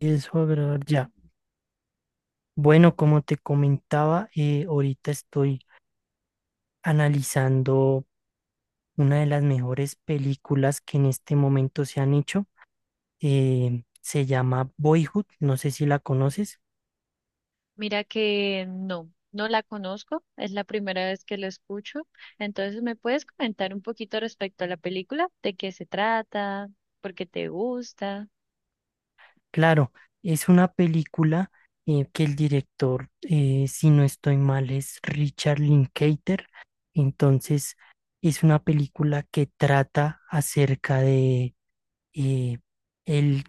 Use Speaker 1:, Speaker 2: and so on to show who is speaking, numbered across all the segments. Speaker 1: Eso, brother, ya. Bueno, como te comentaba, ahorita estoy analizando una de las mejores películas que en este momento se han hecho. Se llama Boyhood, no sé si la conoces.
Speaker 2: Mira que no, no la conozco, es la primera vez que la escucho. Entonces, ¿me puedes comentar un poquito respecto a la película? ¿De qué se trata? ¿Por qué te gusta?
Speaker 1: Claro, es una película que el director, si no estoy mal, es Richard Linklater. Entonces, es una película que trata acerca de eh, el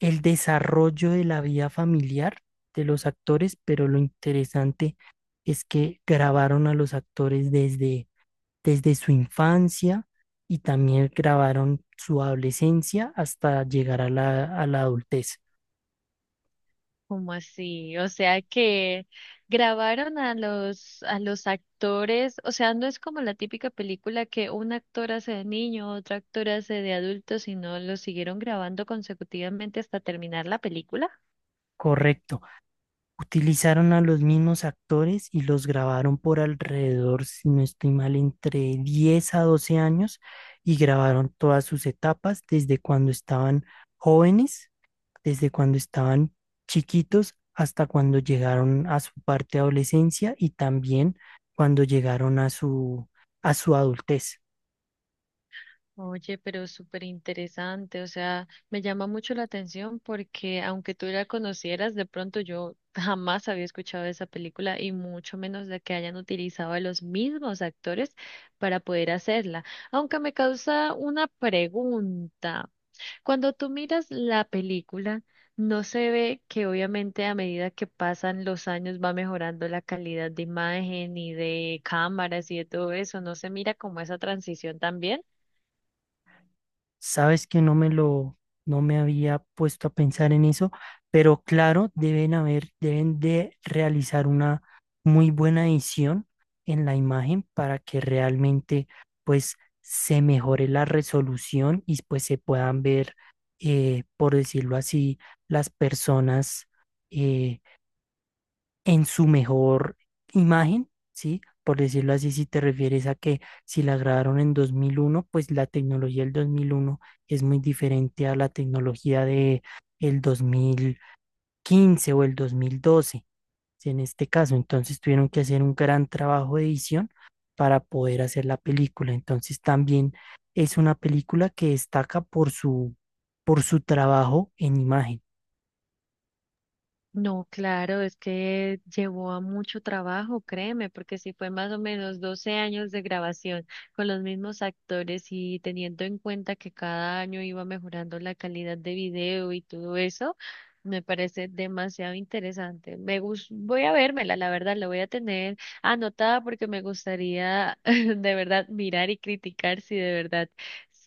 Speaker 1: el desarrollo de la vida familiar de los actores, pero lo interesante es que grabaron a los actores desde su infancia y también grabaron su adolescencia hasta llegar a a la adultez.
Speaker 2: ¿Cómo así? O sea que grabaron a los actores, o sea, no es como la típica película que un actor hace de niño, otro actor hace de adulto, sino lo siguieron grabando consecutivamente hasta terminar la película.
Speaker 1: Correcto. Utilizaron a los mismos actores y los grabaron por alrededor, si no estoy mal, entre 10 a 12 años y grabaron todas sus etapas desde cuando estaban jóvenes, desde cuando estaban chiquitos hasta cuando llegaron a su parte de adolescencia y también cuando llegaron a a su adultez.
Speaker 2: Oye, pero súper interesante, o sea, me llama mucho la atención porque aunque tú la conocieras, de pronto yo jamás había escuchado de esa película y mucho menos de que hayan utilizado a los mismos actores para poder hacerla. Aunque me causa una pregunta. Cuando tú miras la película, no se ve que obviamente a medida que pasan los años va mejorando la calidad de imagen y de cámaras y de todo eso, no se mira como esa transición también.
Speaker 1: Sabes que no me había puesto a pensar en eso, pero claro, deben de realizar una muy buena edición en la imagen para que realmente pues se mejore la resolución y pues se puedan ver, por decirlo así, las personas, eh, en su mejor imagen, ¿sí? Por decirlo así, si te refieres a que si la grabaron en 2001, pues la tecnología del 2001 es muy diferente a la tecnología de el 2015 o el 2012, ¿sí? En este caso, entonces tuvieron que hacer un gran trabajo de edición para poder hacer la película. Entonces también es una película que destaca por por su trabajo en imagen.
Speaker 2: No, claro, es que llevó a mucho trabajo, créeme, porque si fue más o menos 12 años de grabación con los mismos actores y teniendo en cuenta que cada año iba mejorando la calidad de video y todo eso, me parece demasiado interesante. Voy a vérmela, la verdad, la voy a tener anotada porque me gustaría de verdad mirar y criticar si de verdad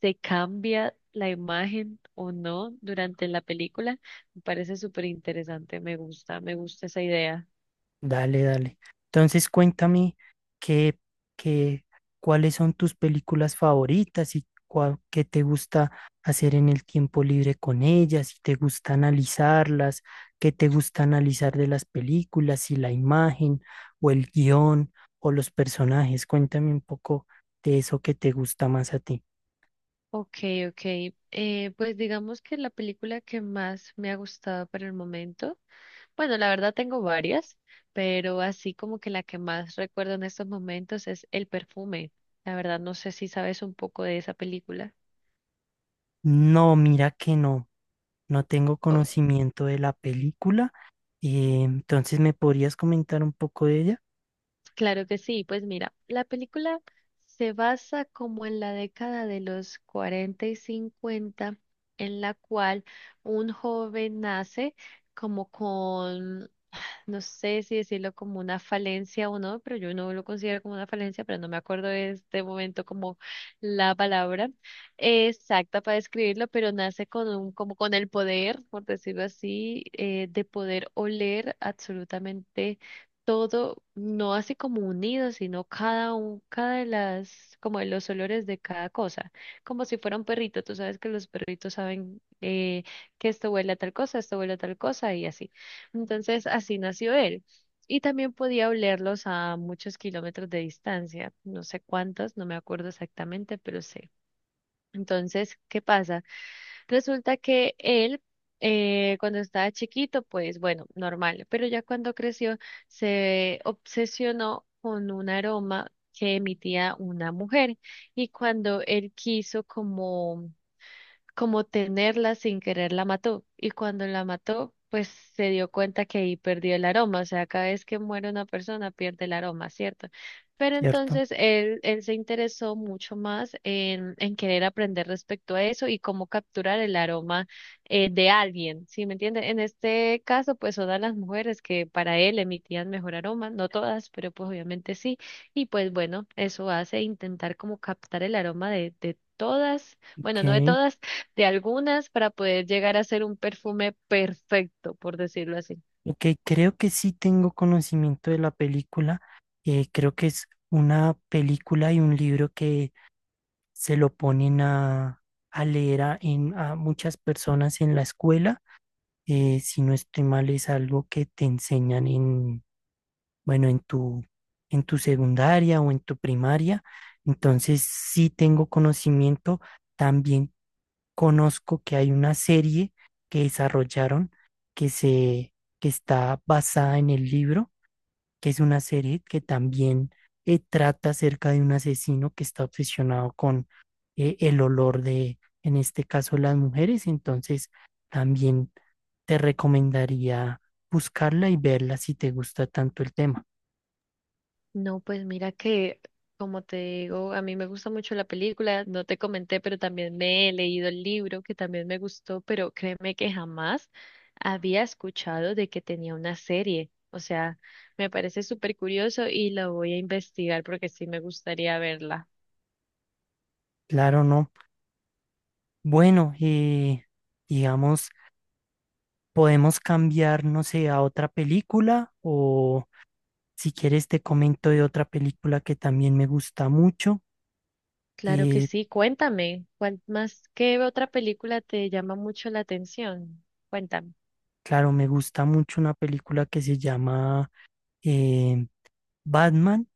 Speaker 2: se cambia la imagen o no durante la película. Me parece súper interesante, me gusta esa idea.
Speaker 1: Dale, dale. Entonces cuéntame qué, qué, cuáles son tus películas favoritas y qué te gusta hacer en el tiempo libre con ellas, si te gusta analizarlas, qué te gusta analizar de las películas, si la imagen o el guión o los personajes. Cuéntame un poco de eso que te gusta más a ti.
Speaker 2: Ok, ok. Pues digamos que la película que más me ha gustado por el momento, bueno, la verdad tengo varias, pero así como que la que más recuerdo en estos momentos es El perfume. La verdad no sé si sabes un poco de esa película.
Speaker 1: No, mira que no. No tengo conocimiento de la película, entonces me podrías comentar un poco de ella,
Speaker 2: Claro que sí, pues mira, la película se basa como en la década de los 40 y 50, en la cual un joven nace como con no sé si decirlo como una falencia o no, pero yo no lo considero como una falencia, pero no me acuerdo de este momento como la palabra exacta para describirlo, pero nace con un, como con el poder, por decirlo así, de poder oler absolutamente todo, no así como unido, sino cada un, como de los olores de cada cosa, como si fuera un perrito, tú sabes que los perritos saben que esto huele a tal cosa, esto huele a tal cosa y así. Entonces, así nació él. Y también podía olerlos a muchos kilómetros de distancia, no sé cuántos, no me acuerdo exactamente, pero sé. Entonces, ¿qué pasa? Resulta que él, cuando estaba chiquito, pues bueno, normal, pero ya cuando creció, se obsesionó con un aroma que emitía una mujer. Y cuando él quiso como tenerla sin querer la mató. Y cuando la mató, pues se dio cuenta que ahí perdió el aroma. O sea, cada vez que muere una persona pierde el aroma, ¿cierto? Pero
Speaker 1: ¿cierto?
Speaker 2: entonces él se interesó mucho más en querer aprender respecto a eso y cómo capturar el aroma de alguien, ¿sí me entienden? En este caso, pues todas las mujeres que para él emitían mejor aroma, no todas, pero pues obviamente sí. Y pues bueno, eso hace intentar como captar el aroma de todas. Bueno, no de
Speaker 1: Ok,
Speaker 2: todas, de algunas para poder llegar a ser un perfume perfecto, por decirlo así.
Speaker 1: ok, creo que sí tengo conocimiento de la película. Creo que es una película y un libro que se lo ponen a leer a muchas personas en la escuela. Si no estoy mal, es algo que te enseñan en, bueno, en en tu secundaria o en tu primaria. Entonces sí tengo conocimiento. También conozco que hay una serie que desarrollaron que se que está basada en el libro, que es una serie que también trata acerca de un asesino que está obsesionado con el olor de, en este caso, las mujeres. Entonces, también te recomendaría buscarla y verla si te gusta tanto el tema.
Speaker 2: No, pues mira que, como te digo, a mí me gusta mucho la película, no te comenté, pero también me he leído el libro que también me gustó, pero créeme que jamás había escuchado de que tenía una serie. O sea, me parece súper curioso y la voy a investigar porque sí me gustaría verla.
Speaker 1: Claro, no. Bueno, digamos, podemos cambiar, no sé, a otra película, o si quieres, te comento de otra película que también me gusta mucho.
Speaker 2: Claro que
Speaker 1: Eh,
Speaker 2: sí, cuéntame, ¿cuál más, qué otra película te llama mucho la atención? Cuéntame.
Speaker 1: claro, me gusta mucho una película que se llama eh, Batman.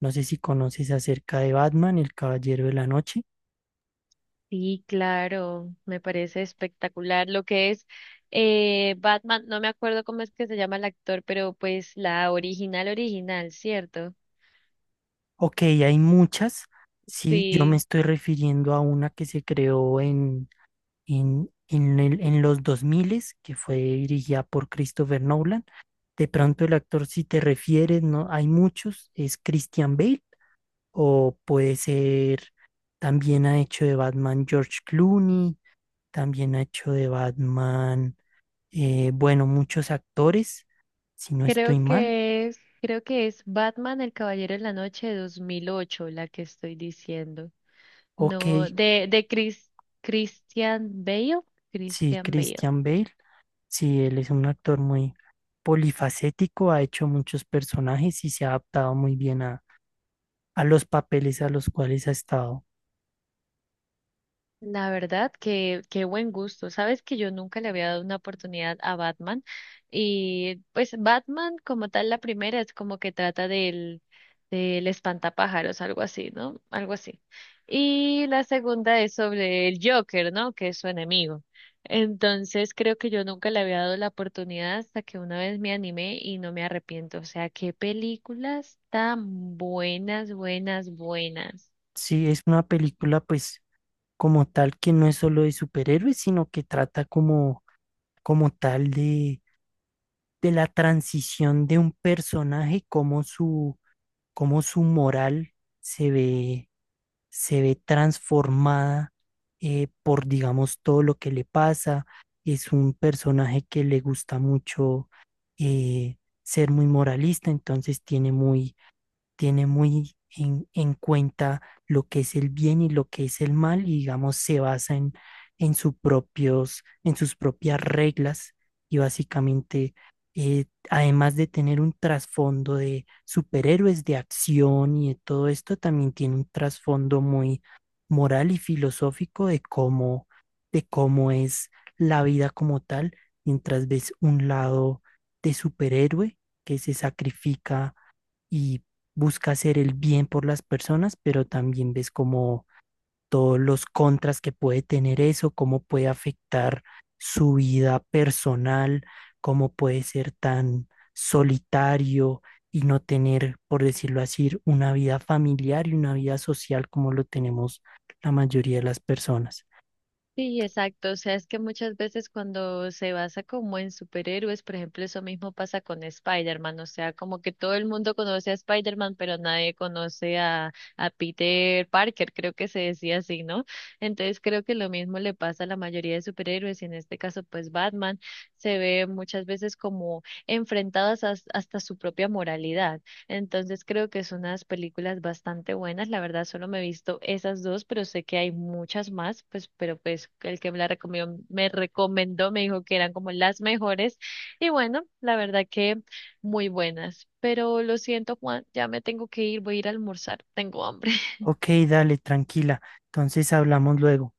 Speaker 1: No sé si conoces acerca de Batman, El Caballero de la Noche.
Speaker 2: Sí, claro, me parece espectacular lo que es Batman, no me acuerdo cómo es que se llama el actor, pero pues la original original, ¿cierto?
Speaker 1: Ok, hay muchas. Sí, yo me
Speaker 2: Sí,
Speaker 1: estoy refiriendo a una que se creó en los 2000, que fue dirigida por Christopher Nolan. De pronto el actor, si te refieres, no, hay muchos, es Christian Bale. O puede ser, también ha hecho de Batman George Clooney, también ha hecho de Batman, bueno, muchos actores, si no
Speaker 2: creo
Speaker 1: estoy mal.
Speaker 2: que es, creo que es Batman el Caballero de la Noche de 2008 la que estoy diciendo.
Speaker 1: Ok,
Speaker 2: No, de Christian Bale,
Speaker 1: sí,
Speaker 2: Christian Bale.
Speaker 1: Christian Bale, sí, él es un actor muy polifacético, ha hecho muchos personajes y se ha adaptado muy bien a los papeles a los cuales ha estado.
Speaker 2: La verdad, que qué buen gusto. Sabes que yo nunca le había dado una oportunidad a Batman. Y pues Batman, como tal, la primera es como que trata del, del espantapájaros, algo así, ¿no? Algo así. Y la segunda es sobre el Joker, ¿no? Que es su enemigo. Entonces creo que yo nunca le había dado la oportunidad hasta que una vez me animé y no me arrepiento. O sea, qué películas tan buenas, buenas, buenas.
Speaker 1: Sí, es una película pues como tal que no es solo de superhéroes, sino que trata como, como tal de la transición de un personaje, cómo su moral se ve, se ve transformada por, digamos, todo lo que le pasa. Es un personaje que le gusta mucho eh, ser muy moralista, entonces tiene muy en cuenta lo que es el bien y lo que es el mal y digamos se basa en sus en sus propias reglas y básicamente, además de tener un trasfondo de superhéroes de acción y de todo esto, también tiene un trasfondo muy moral y filosófico de de cómo es la vida como tal, mientras ves un lado de superhéroe que se sacrifica y busca hacer el bien por las personas, pero también ves como todos los contras que puede tener eso, cómo puede afectar su vida personal, cómo puede ser tan solitario y no tener, por decirlo así, una vida familiar y una vida social como lo tenemos la mayoría de las personas.
Speaker 2: Sí, exacto. O sea, es que muchas veces cuando se basa como en superhéroes, por ejemplo, eso mismo pasa con Spider-Man. O sea, como que todo el mundo conoce a Spider-Man, pero nadie conoce a Peter Parker, creo que se decía así, ¿no? Entonces creo que lo mismo le pasa a la mayoría de superhéroes y en este caso, pues Batman se ve muchas veces como enfrentadas hasta su propia moralidad. Entonces creo que son unas películas bastante buenas. La verdad, solo me he visto esas dos, pero sé que hay muchas más, pues, pero pues el que me recomendó, me dijo que eran como las mejores. Y bueno, la verdad que muy buenas. Pero lo siento, Juan, ya me tengo que ir, voy a ir a almorzar, tengo hambre.
Speaker 1: Ok, dale, tranquila. Entonces hablamos luego.